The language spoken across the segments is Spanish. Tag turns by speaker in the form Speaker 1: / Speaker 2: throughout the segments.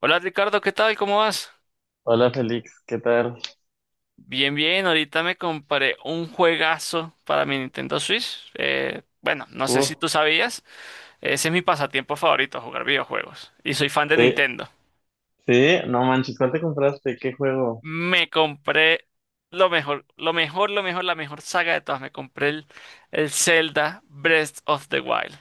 Speaker 1: Hola Ricardo, ¿qué tal? ¿Cómo vas?
Speaker 2: Hola Félix, ¿qué tal?
Speaker 1: Bien, bien, ahorita me compré un juegazo para mi Nintendo Switch. Bueno, no sé
Speaker 2: Uh,
Speaker 1: si tú sabías, ese es mi pasatiempo favorito, jugar videojuegos. Y soy fan de
Speaker 2: sí,
Speaker 1: Nintendo.
Speaker 2: sí, no manches, ¿cuál te compraste? ¿Qué juego?
Speaker 1: Me compré lo mejor, lo mejor, lo mejor, la mejor saga de todas. Me compré el Zelda Breath of the Wild.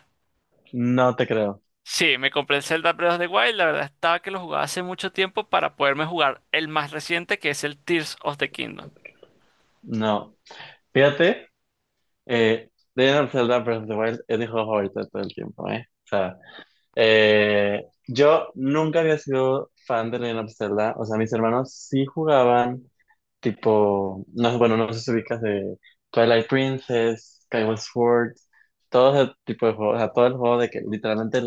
Speaker 2: No te creo,
Speaker 1: Sí, me compré el Zelda Breath of the Wild. La verdad estaba que lo jugaba hace mucho tiempo para poderme jugar el más reciente, que es el Tears of the Kingdom.
Speaker 2: no. Fíjate, eh, Legend of Zelda Breath of the Wild es mi juego favorito de todo el tiempo, ¿eh? O sea, yo nunca había sido fan de Legend of Zelda, o sea, mis hermanos sí jugaban, tipo, no, sé, bueno, no sé si ubicas de Twilight Princess, Skyward Sword, todo ese tipo de juegos, o sea, todo el juego de que literalmente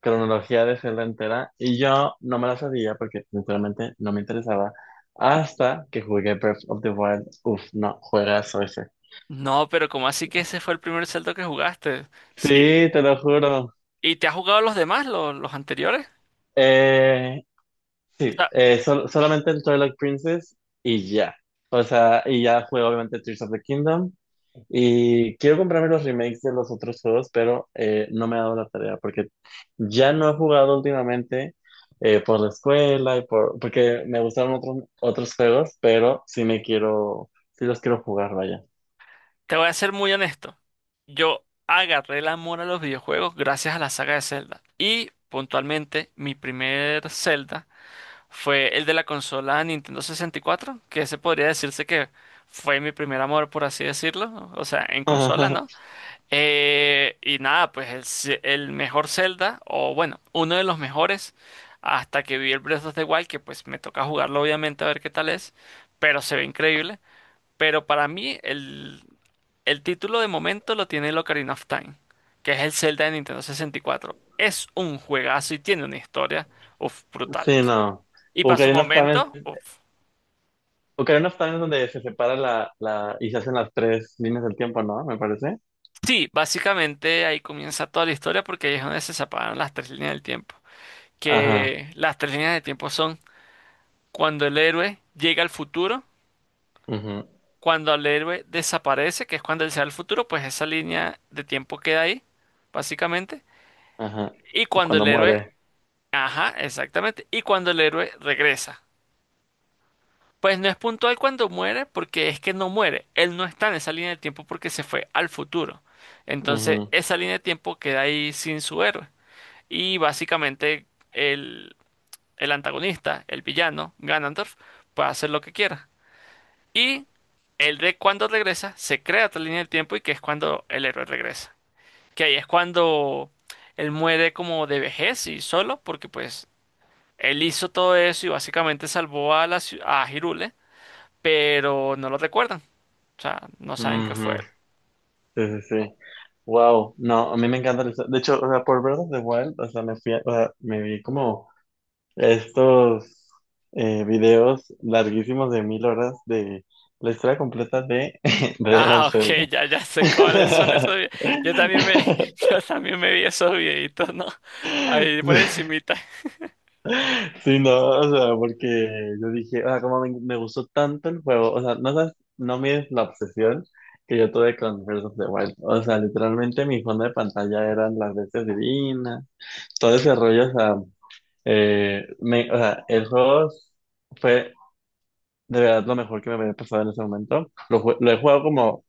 Speaker 2: cronología de Zelda entera y yo no me la sabía porque sinceramente no me interesaba hasta que jugué Breath of the Wild. Uf, no, juegazo ese.
Speaker 1: No, pero ¿cómo así que ese fue el primer Zelda que jugaste?
Speaker 2: Sí,
Speaker 1: Sí.
Speaker 2: te lo juro.
Speaker 1: ¿Y te has jugado los demás, los anteriores?
Speaker 2: Eh,
Speaker 1: O
Speaker 2: sí,
Speaker 1: sea,
Speaker 2: solamente el Twilight Princess y ya. O sea, y ya juego obviamente Tears of the Kingdom. Y quiero comprarme los remakes de los otros juegos, pero no me ha dado la tarea porque ya no he jugado últimamente por la escuela y porque me gustaron otros, juegos, pero sí los quiero jugar, vaya.
Speaker 1: te voy a ser muy honesto. Yo agarré el amor a los videojuegos gracias a la saga de Zelda. Y puntualmente, mi primer Zelda fue el de la consola Nintendo 64, que ese podría decirse que fue mi primer amor, por así decirlo. O sea, en consola, ¿no? Y nada, pues el mejor Zelda, o bueno, uno de los mejores, hasta que vi el Breath of the Wild, que pues me toca jugarlo obviamente a ver qué tal es, pero se ve increíble. Pero para mí el título de momento lo tiene el Ocarina of Time, que es el Zelda de Nintendo 64. Es un juegazo y tiene una historia, uf, brutal.
Speaker 2: Sí, no.
Speaker 1: Y para su
Speaker 2: Ocarina of Time
Speaker 1: momento,
Speaker 2: es,
Speaker 1: uf.
Speaker 2: Ocarina of Time es donde se separa y se hacen las tres líneas del tiempo, ¿no? Me parece.
Speaker 1: Sí, básicamente ahí comienza toda la historia porque ahí es donde se separan las tres líneas del tiempo.
Speaker 2: Ajá,
Speaker 1: Que las tres líneas del tiempo son cuando el héroe llega al futuro,
Speaker 2: ujú,
Speaker 1: cuando el héroe desaparece, que es cuando él se va al futuro, pues esa línea de tiempo queda ahí, básicamente.
Speaker 2: ajá.
Speaker 1: Y cuando
Speaker 2: Cuando
Speaker 1: el héroe,
Speaker 2: muere.
Speaker 1: ajá, exactamente. Y cuando el héroe regresa. Pues no es puntual cuando muere, porque es que no muere. Él no está en esa línea de tiempo porque se fue al futuro. Entonces,
Speaker 2: Ujú,
Speaker 1: esa línea de tiempo queda ahí sin su héroe. Y básicamente el, el antagonista, el villano, Ganondorf, puede hacer lo que quiera. Y el de cuando regresa, se crea otra línea del tiempo y que es cuando el héroe regresa. Que ahí es cuando él muere como de vejez y solo, porque pues él hizo todo eso y básicamente salvó a a Hirule, pero no lo recuerdan. O sea, no saben que fue
Speaker 2: ujú.
Speaker 1: él.
Speaker 2: Sí, sí, sí. Wow, no, a mí me encanta. De hecho, o sea, por Breath of the Wild, o sea, o sea, me vi como estos videos larguísimos de 1.000 horas de la historia completa de de Legend
Speaker 1: Ah,
Speaker 2: of
Speaker 1: ok,
Speaker 2: Zelda.
Speaker 1: ya, ya sé cuáles son esos videos. Yo también me, yo también me vi esos videitos, ¿no?
Speaker 2: Sí,
Speaker 1: Ahí por encimita.
Speaker 2: sí, no, o sea, porque yo dije, ah, como me gustó tanto el juego, o sea, no sabes, no mides la obsesión que yo tuve con Breath of the Wild, o sea, literalmente mi fondo de pantalla eran las bestias divinas, todo ese rollo, o sea, o sea, el juego fue de verdad lo mejor que me había pasado en ese momento. Lo he jugado como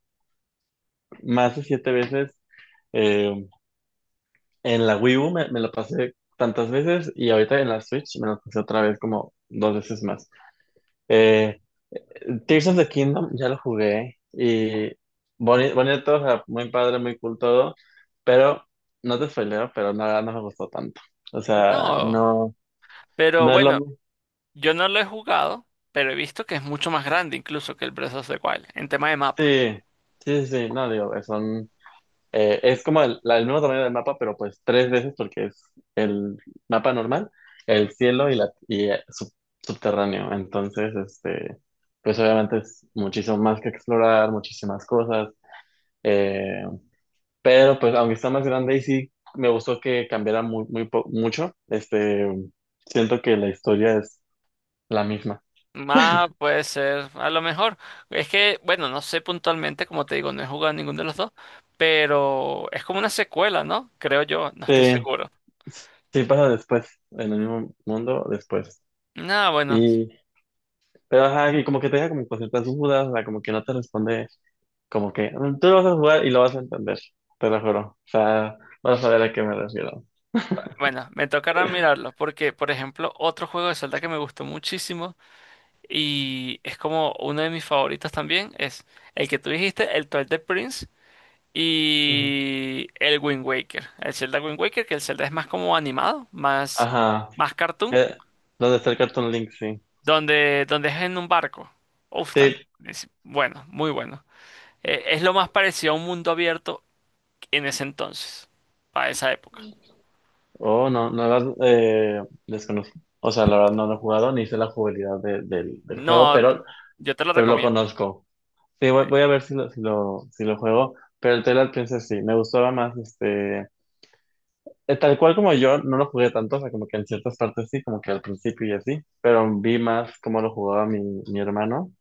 Speaker 2: más de 7 veces. Eh, en la Wii U me lo pasé tantas veces y ahorita en la Switch me lo pasé otra vez como 2 veces más. Eh, Tears of the Kingdom ya lo jugué y bonito, o sea, muy padre, muy cool todo, pero no te spoileo, pero nada, no me gustó tanto. O sea,
Speaker 1: No,
Speaker 2: no,
Speaker 1: pero
Speaker 2: no es lo
Speaker 1: bueno.
Speaker 2: mismo.
Speaker 1: Yo no lo he jugado, pero he visto que es mucho más grande incluso que el Breath of the Wild en tema de mapa.
Speaker 2: Sí, sí, sí, sí, no, digo, es como el, el mismo tamaño del mapa, pero pues 3 veces porque es el mapa normal, el cielo subterráneo. Entonces, este, pues obviamente es muchísimo más que explorar, muchísimas cosas, eh, pero pues aunque está más grande y sí, me gustó que cambiara muy, muy mucho, este, siento que la historia es la misma.
Speaker 1: Mapa puede ser, a lo mejor. Es que, bueno, no sé puntualmente, como te digo, no he jugado ninguno de los dos, pero es como una secuela, ¿no? Creo yo, no estoy
Speaker 2: Sí,
Speaker 1: seguro.
Speaker 2: sí pasa después, en el mismo mundo después.
Speaker 1: No, bueno,
Speaker 2: Y Pero ajá, y como que te deja como con ciertas dudas, o sea, como que no te responde, como que "Mm, tú lo vas a jugar y lo vas a entender, te lo juro. O sea, vas a ver a qué me refiero.
Speaker 1: bueno, me tocará mirarlo, porque, por ejemplo, otro juego de Zelda que me gustó muchísimo y es como uno de mis favoritos también es el que tú dijiste, el Twilight Prince.
Speaker 2: Ujú.
Speaker 1: Y el Wind Waker. El Zelda Wind Waker, que el Zelda es más como animado, más,
Speaker 2: Ajá.
Speaker 1: más cartoon,
Speaker 2: Eh, ¿Dónde está el Cartoon Link? Sí.
Speaker 1: donde es en un barco. Uf, también.
Speaker 2: Sí.
Speaker 1: Es bueno, muy bueno. Es lo más parecido a un mundo abierto en ese entonces, para esa época.
Speaker 2: Oh, no, no la desconozco. O sea, la verdad no lo he jugado ni sé la jugabilidad del juego,
Speaker 1: No,
Speaker 2: pero,
Speaker 1: yo te lo
Speaker 2: lo
Speaker 1: recomiendo.
Speaker 2: conozco. Sí, voy a ver si lo, si lo juego. Pero el Twilight Princess sí, me gustaba más este. Tal cual como yo, no lo jugué tanto, o sea, como que en ciertas partes sí, como que al principio y así, pero vi más cómo lo jugaba mi hermano.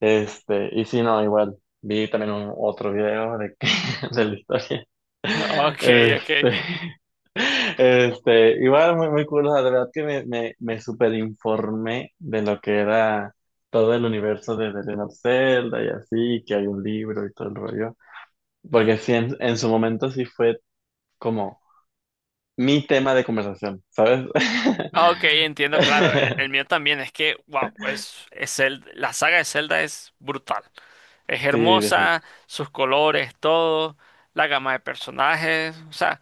Speaker 2: Este, y sí, no, igual, vi también otro video de la historia.
Speaker 1: Ok, ok.
Speaker 2: Este, igual muy, muy cool, o sea, de verdad que me superinformé de lo que era todo el universo de The Legend of Zelda y así, que hay un libro y todo el rollo. Porque sí, en su momento sí fue como mi tema de conversación, ¿sabes?
Speaker 1: Ok, entiendo, claro. El mío también es que, wow, es la saga de Zelda es brutal. Es
Speaker 2: Sí,
Speaker 1: hermosa, sus colores, todo, la gama de personajes. O sea,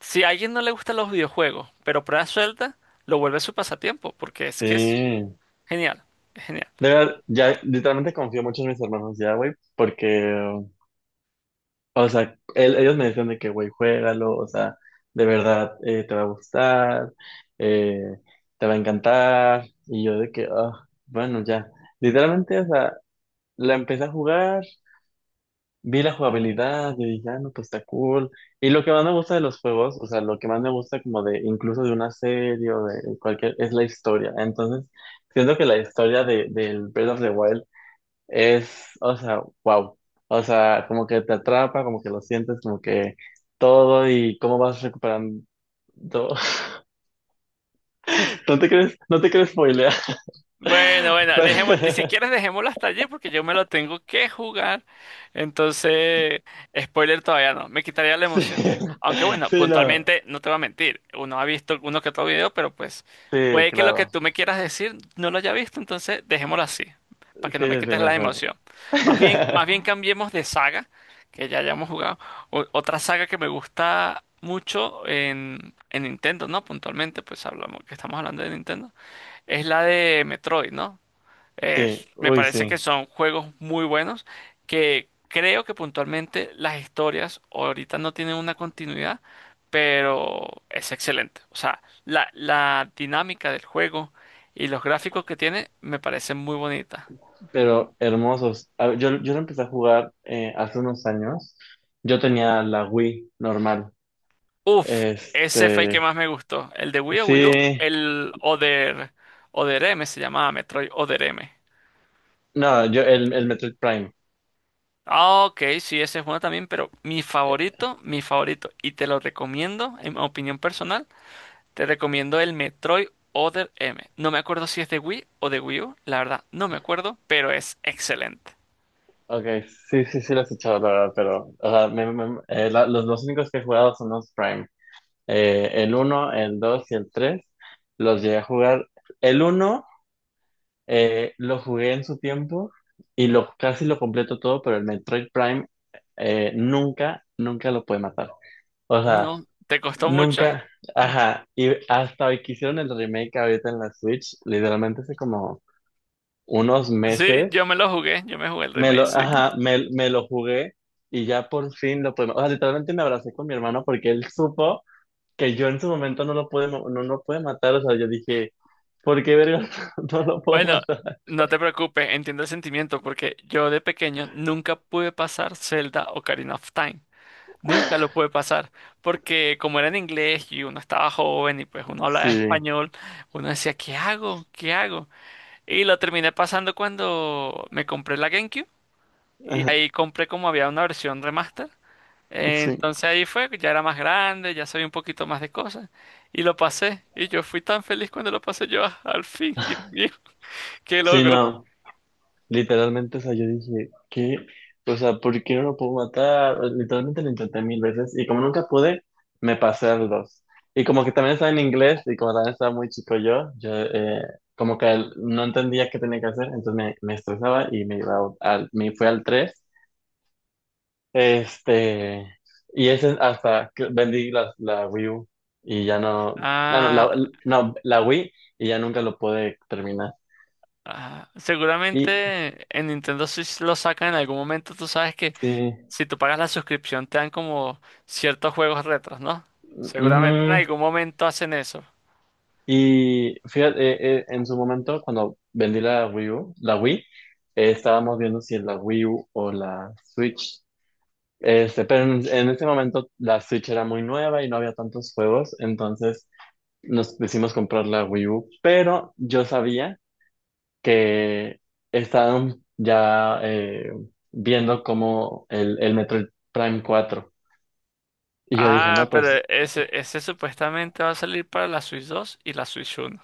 Speaker 1: si a alguien no le gustan los videojuegos, pero prueba suelta, lo vuelve su pasatiempo, porque es que es
Speaker 2: sí.
Speaker 1: genial, es genial.
Speaker 2: De verdad, ya literalmente confío mucho en mis hermanos ya, güey, porque, o sea, ellos me decían de que, güey, juégalo, o sea, de verdad te va a gustar, eh, te va a encantar, y yo de que, ah, bueno, ya. Literalmente, o sea, la empecé a jugar. Vi la jugabilidad, yo dije, ah, no, pues está cool. Y lo que más me gusta de los juegos, o sea, lo que más me gusta como de, incluso de una serie o de cualquier, es la historia. Entonces, siento que la historia del Breath of the Wild es, o sea, wow. O sea, como que te atrapa, como que lo sientes, como que todo y cómo vas recuperando. No te crees spoilear.
Speaker 1: Bueno, bueno, dejemos, si
Speaker 2: Pero-
Speaker 1: quieres dejémoslo hasta allí porque yo me lo tengo que jugar. Entonces, spoiler todavía no, me quitaría la
Speaker 2: sí,
Speaker 1: emoción. Aunque bueno,
Speaker 2: sí, no.
Speaker 1: puntualmente no te voy a mentir, uno ha visto uno que otro video, pero pues
Speaker 2: Sí,
Speaker 1: puede que lo que
Speaker 2: claro.
Speaker 1: tú me quieras decir no lo haya visto, entonces dejémoslo así, para
Speaker 2: Sí,
Speaker 1: que no me
Speaker 2: sí, sí,
Speaker 1: quites la
Speaker 2: mejor.
Speaker 1: emoción. Más bien cambiemos de saga, que ya hayamos jugado. Otra saga que me gusta mucho en Nintendo, ¿no? Puntualmente, pues hablamos que estamos hablando de Nintendo es la de Metroid, ¿no?
Speaker 2: Sí,
Speaker 1: Me
Speaker 2: uy,
Speaker 1: parece que
Speaker 2: sí,
Speaker 1: son juegos muy buenos que creo que puntualmente las historias ahorita no tienen una continuidad, pero es excelente. O sea, la dinámica del juego y los gráficos que tiene me parecen muy bonitas.
Speaker 2: pero hermosos. A ver, yo lo empecé a jugar hace unos años. Yo tenía la Wii normal.
Speaker 1: Uf, ese fue el que
Speaker 2: Este,
Speaker 1: más me gustó. El de Wii o Wii U,
Speaker 2: sí,
Speaker 1: el Other, Other M, se llamaba Metroid Other M.
Speaker 2: no, yo el Metroid Prime.
Speaker 1: Ah, ok, sí, ese es bueno también, pero mi favorito, y te lo recomiendo, en opinión personal, te recomiendo el Metroid Other M. No me acuerdo si es de Wii o de Wii U, la verdad, no me acuerdo, pero es excelente.
Speaker 2: Ok, sí, sí, sí lo he escuchado, la verdad, pero o sea, los únicos que he jugado son los Prime. El uno, el 2 y el 3 los llegué a jugar. El uno lo jugué en su tiempo y casi lo completo todo, pero el Metroid Prime nunca lo puede matar. O sea,
Speaker 1: No, te costó mucho.
Speaker 2: nunca, ajá, y hasta hoy que hicieron el remake ahorita en la Switch, literalmente hace como unos
Speaker 1: Sí, yo
Speaker 2: meses,
Speaker 1: me lo jugué, yo me jugué el remake, sí.
Speaker 2: ajá, me lo jugué y ya por fin lo pude, o sea, literalmente me abracé con mi hermano porque él supo que yo en su momento no lo pude, no lo pude matar, o sea, yo dije, ¿por qué verga no lo puedo
Speaker 1: Bueno,
Speaker 2: matar?
Speaker 1: no te preocupes, entiendo el sentimiento, porque yo de pequeño nunca pude pasar Zelda Ocarina of Time. Nunca lo pude pasar, porque como era en inglés y uno estaba joven y pues uno hablaba
Speaker 2: Sí,
Speaker 1: español, uno decía, ¿qué hago? ¿Qué hago? Y lo terminé pasando cuando me compré la GameCube y
Speaker 2: ajá,
Speaker 1: ahí compré como había una versión remaster.
Speaker 2: sí.
Speaker 1: Entonces ahí fue, ya era más grande, ya sabía un poquito más de cosas y lo pasé. Y yo fui tan feliz cuando lo pasé yo, ah, al fin, Dios mío, qué
Speaker 2: Sí,
Speaker 1: logro.
Speaker 2: no, literalmente, o sea, yo dije, ¿qué? O sea, ¿por qué no lo puedo matar? Literalmente lo intenté 1.000 veces y como nunca pude, me pasé al 2. Y como que también estaba en inglés y como también estaba muy chico yo como que no entendía qué tenía que hacer, entonces me estresaba y me iba me fui al 3. Este, y ese hasta que vendí la Wii U y ya no, no, no,
Speaker 1: Ah,
Speaker 2: no, la Wii y ya nunca lo pude terminar.
Speaker 1: ah,
Speaker 2: Y
Speaker 1: seguramente en Nintendo Switch lo sacan en algún momento, tú sabes que
Speaker 2: sí.
Speaker 1: si tú pagas la suscripción, te dan como ciertos juegos retros, ¿no? Seguramente en
Speaker 2: Ujú.
Speaker 1: algún momento hacen eso.
Speaker 2: Y fíjate, en su momento, cuando vendí la Wii U, la Wii, estábamos viendo si es la Wii U o la Switch. Este, pero en ese momento la Switch era muy nueva y no había tantos juegos, entonces nos decidimos comprar la Wii U. Pero yo sabía que estaban ya viendo como el Metroid Prime 4. Y yo dije,
Speaker 1: Ah,
Speaker 2: no,
Speaker 1: pero
Speaker 2: pues.
Speaker 1: ese supuestamente va a salir para la Switch 2 y la Switch 1.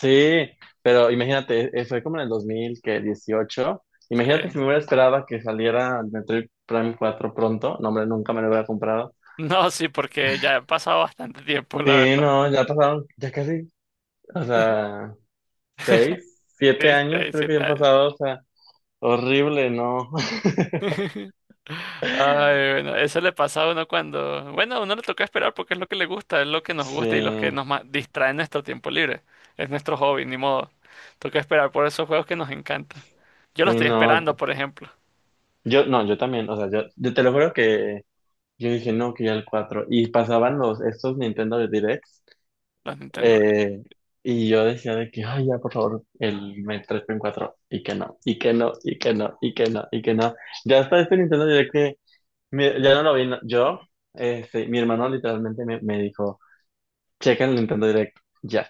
Speaker 2: Sí, pero imagínate, fue como en el 2018.
Speaker 1: Sí.
Speaker 2: Imagínate si me hubiera esperado que saliera el Metroid Prime 4 pronto. No, hombre, nunca me lo hubiera comprado.
Speaker 1: No, sí, porque ya ha pasado bastante tiempo, la
Speaker 2: Sí,
Speaker 1: verdad.
Speaker 2: no, ya pasaron, ya casi, o sea, seis,
Speaker 1: Sí,
Speaker 2: siete años
Speaker 1: seis,
Speaker 2: creo que ya
Speaker 1: siete
Speaker 2: han
Speaker 1: años.
Speaker 2: pasado, o sea, horrible, ¿no?
Speaker 1: Ay, bueno, eso le pasa a uno cuando... Bueno, a uno le toca esperar porque es lo que le gusta, es lo que nos
Speaker 2: Sí,
Speaker 1: gusta y los que distraen nuestro tiempo libre. Es nuestro hobby, ni modo. Toca esperar por esos juegos que nos encantan. Yo lo
Speaker 2: sí,
Speaker 1: estoy
Speaker 2: no.
Speaker 1: esperando, por ejemplo.
Speaker 2: Yo, no, yo también, o sea, yo te lo juro que yo dije, no, que ya el 4. Y pasaban estos Nintendo Directs.
Speaker 1: Los Nintendo.
Speaker 2: Eh, y yo decía de que, ay, ya, por favor, el M E tres Met 4 y que no, y que no, y que no, y que no, y que no. Ya hasta este Nintendo Direct que ya no lo vi, este, mi hermano literalmente me dijo, checa el Nintendo Direct, ya.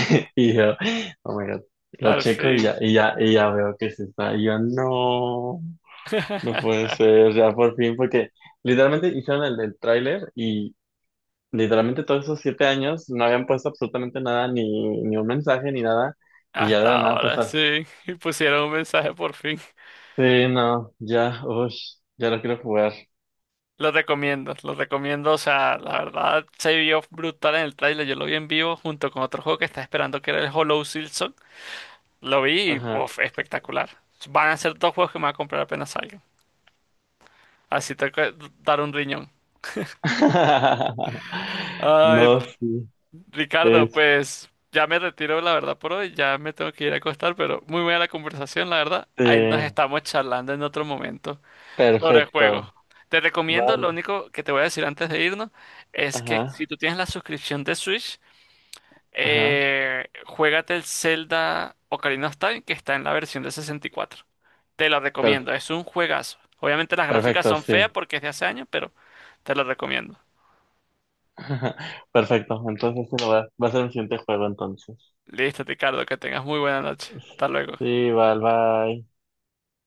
Speaker 2: Y yo, oh my God, lo
Speaker 1: Al
Speaker 2: checo y
Speaker 1: fin.
Speaker 2: ya, y ya veo que se está. Y yo, no, no puede ser, ya por fin, porque literalmente hicieron el del tráiler. Literalmente todos esos 7 años no habían puesto absolutamente nada, ni un mensaje, ni nada, y ya de
Speaker 1: Hasta
Speaker 2: la nada
Speaker 1: ahora,
Speaker 2: pasar.
Speaker 1: sí. Y pusieron un mensaje por fin.
Speaker 2: Sí, no, ya, uff, ya lo quiero jugar.
Speaker 1: Lo recomiendo, lo recomiendo. O sea, la verdad se vio brutal en el tráiler. Yo lo vi en vivo junto con otro juego que estaba esperando que era el Hollow Silson. Lo vi y
Speaker 2: Ajá.
Speaker 1: uf, espectacular. Van a ser dos juegos que me va a comprar apenas salgan. Así tengo que dar un riñón. Ay,
Speaker 2: No, sí,
Speaker 1: Ricardo, pues ya me retiro, la verdad, por hoy. Ya me tengo que ir a acostar, pero muy buena la conversación, la verdad. Ahí nos
Speaker 2: este,
Speaker 1: estamos charlando en otro momento sobre el juego.
Speaker 2: perfecto,
Speaker 1: Te recomiendo,
Speaker 2: vale,
Speaker 1: lo único que te voy a decir antes de irnos, es que si
Speaker 2: ajá,
Speaker 1: tú tienes la suscripción de Switch,
Speaker 2: ajá,
Speaker 1: juégate el Zelda Ocarina of Time, que está en la versión de 64. Te lo
Speaker 2: per-
Speaker 1: recomiendo, es un juegazo. Obviamente las gráficas
Speaker 2: perfecto,
Speaker 1: son feas
Speaker 2: sí,
Speaker 1: porque es de hace años, pero te lo recomiendo.
Speaker 2: perfecto, entonces sí, va a ser mi siguiente juego entonces.
Speaker 1: Listo, Ricardo, que tengas muy buena noche. Hasta luego.
Speaker 2: Sí, vale, bye.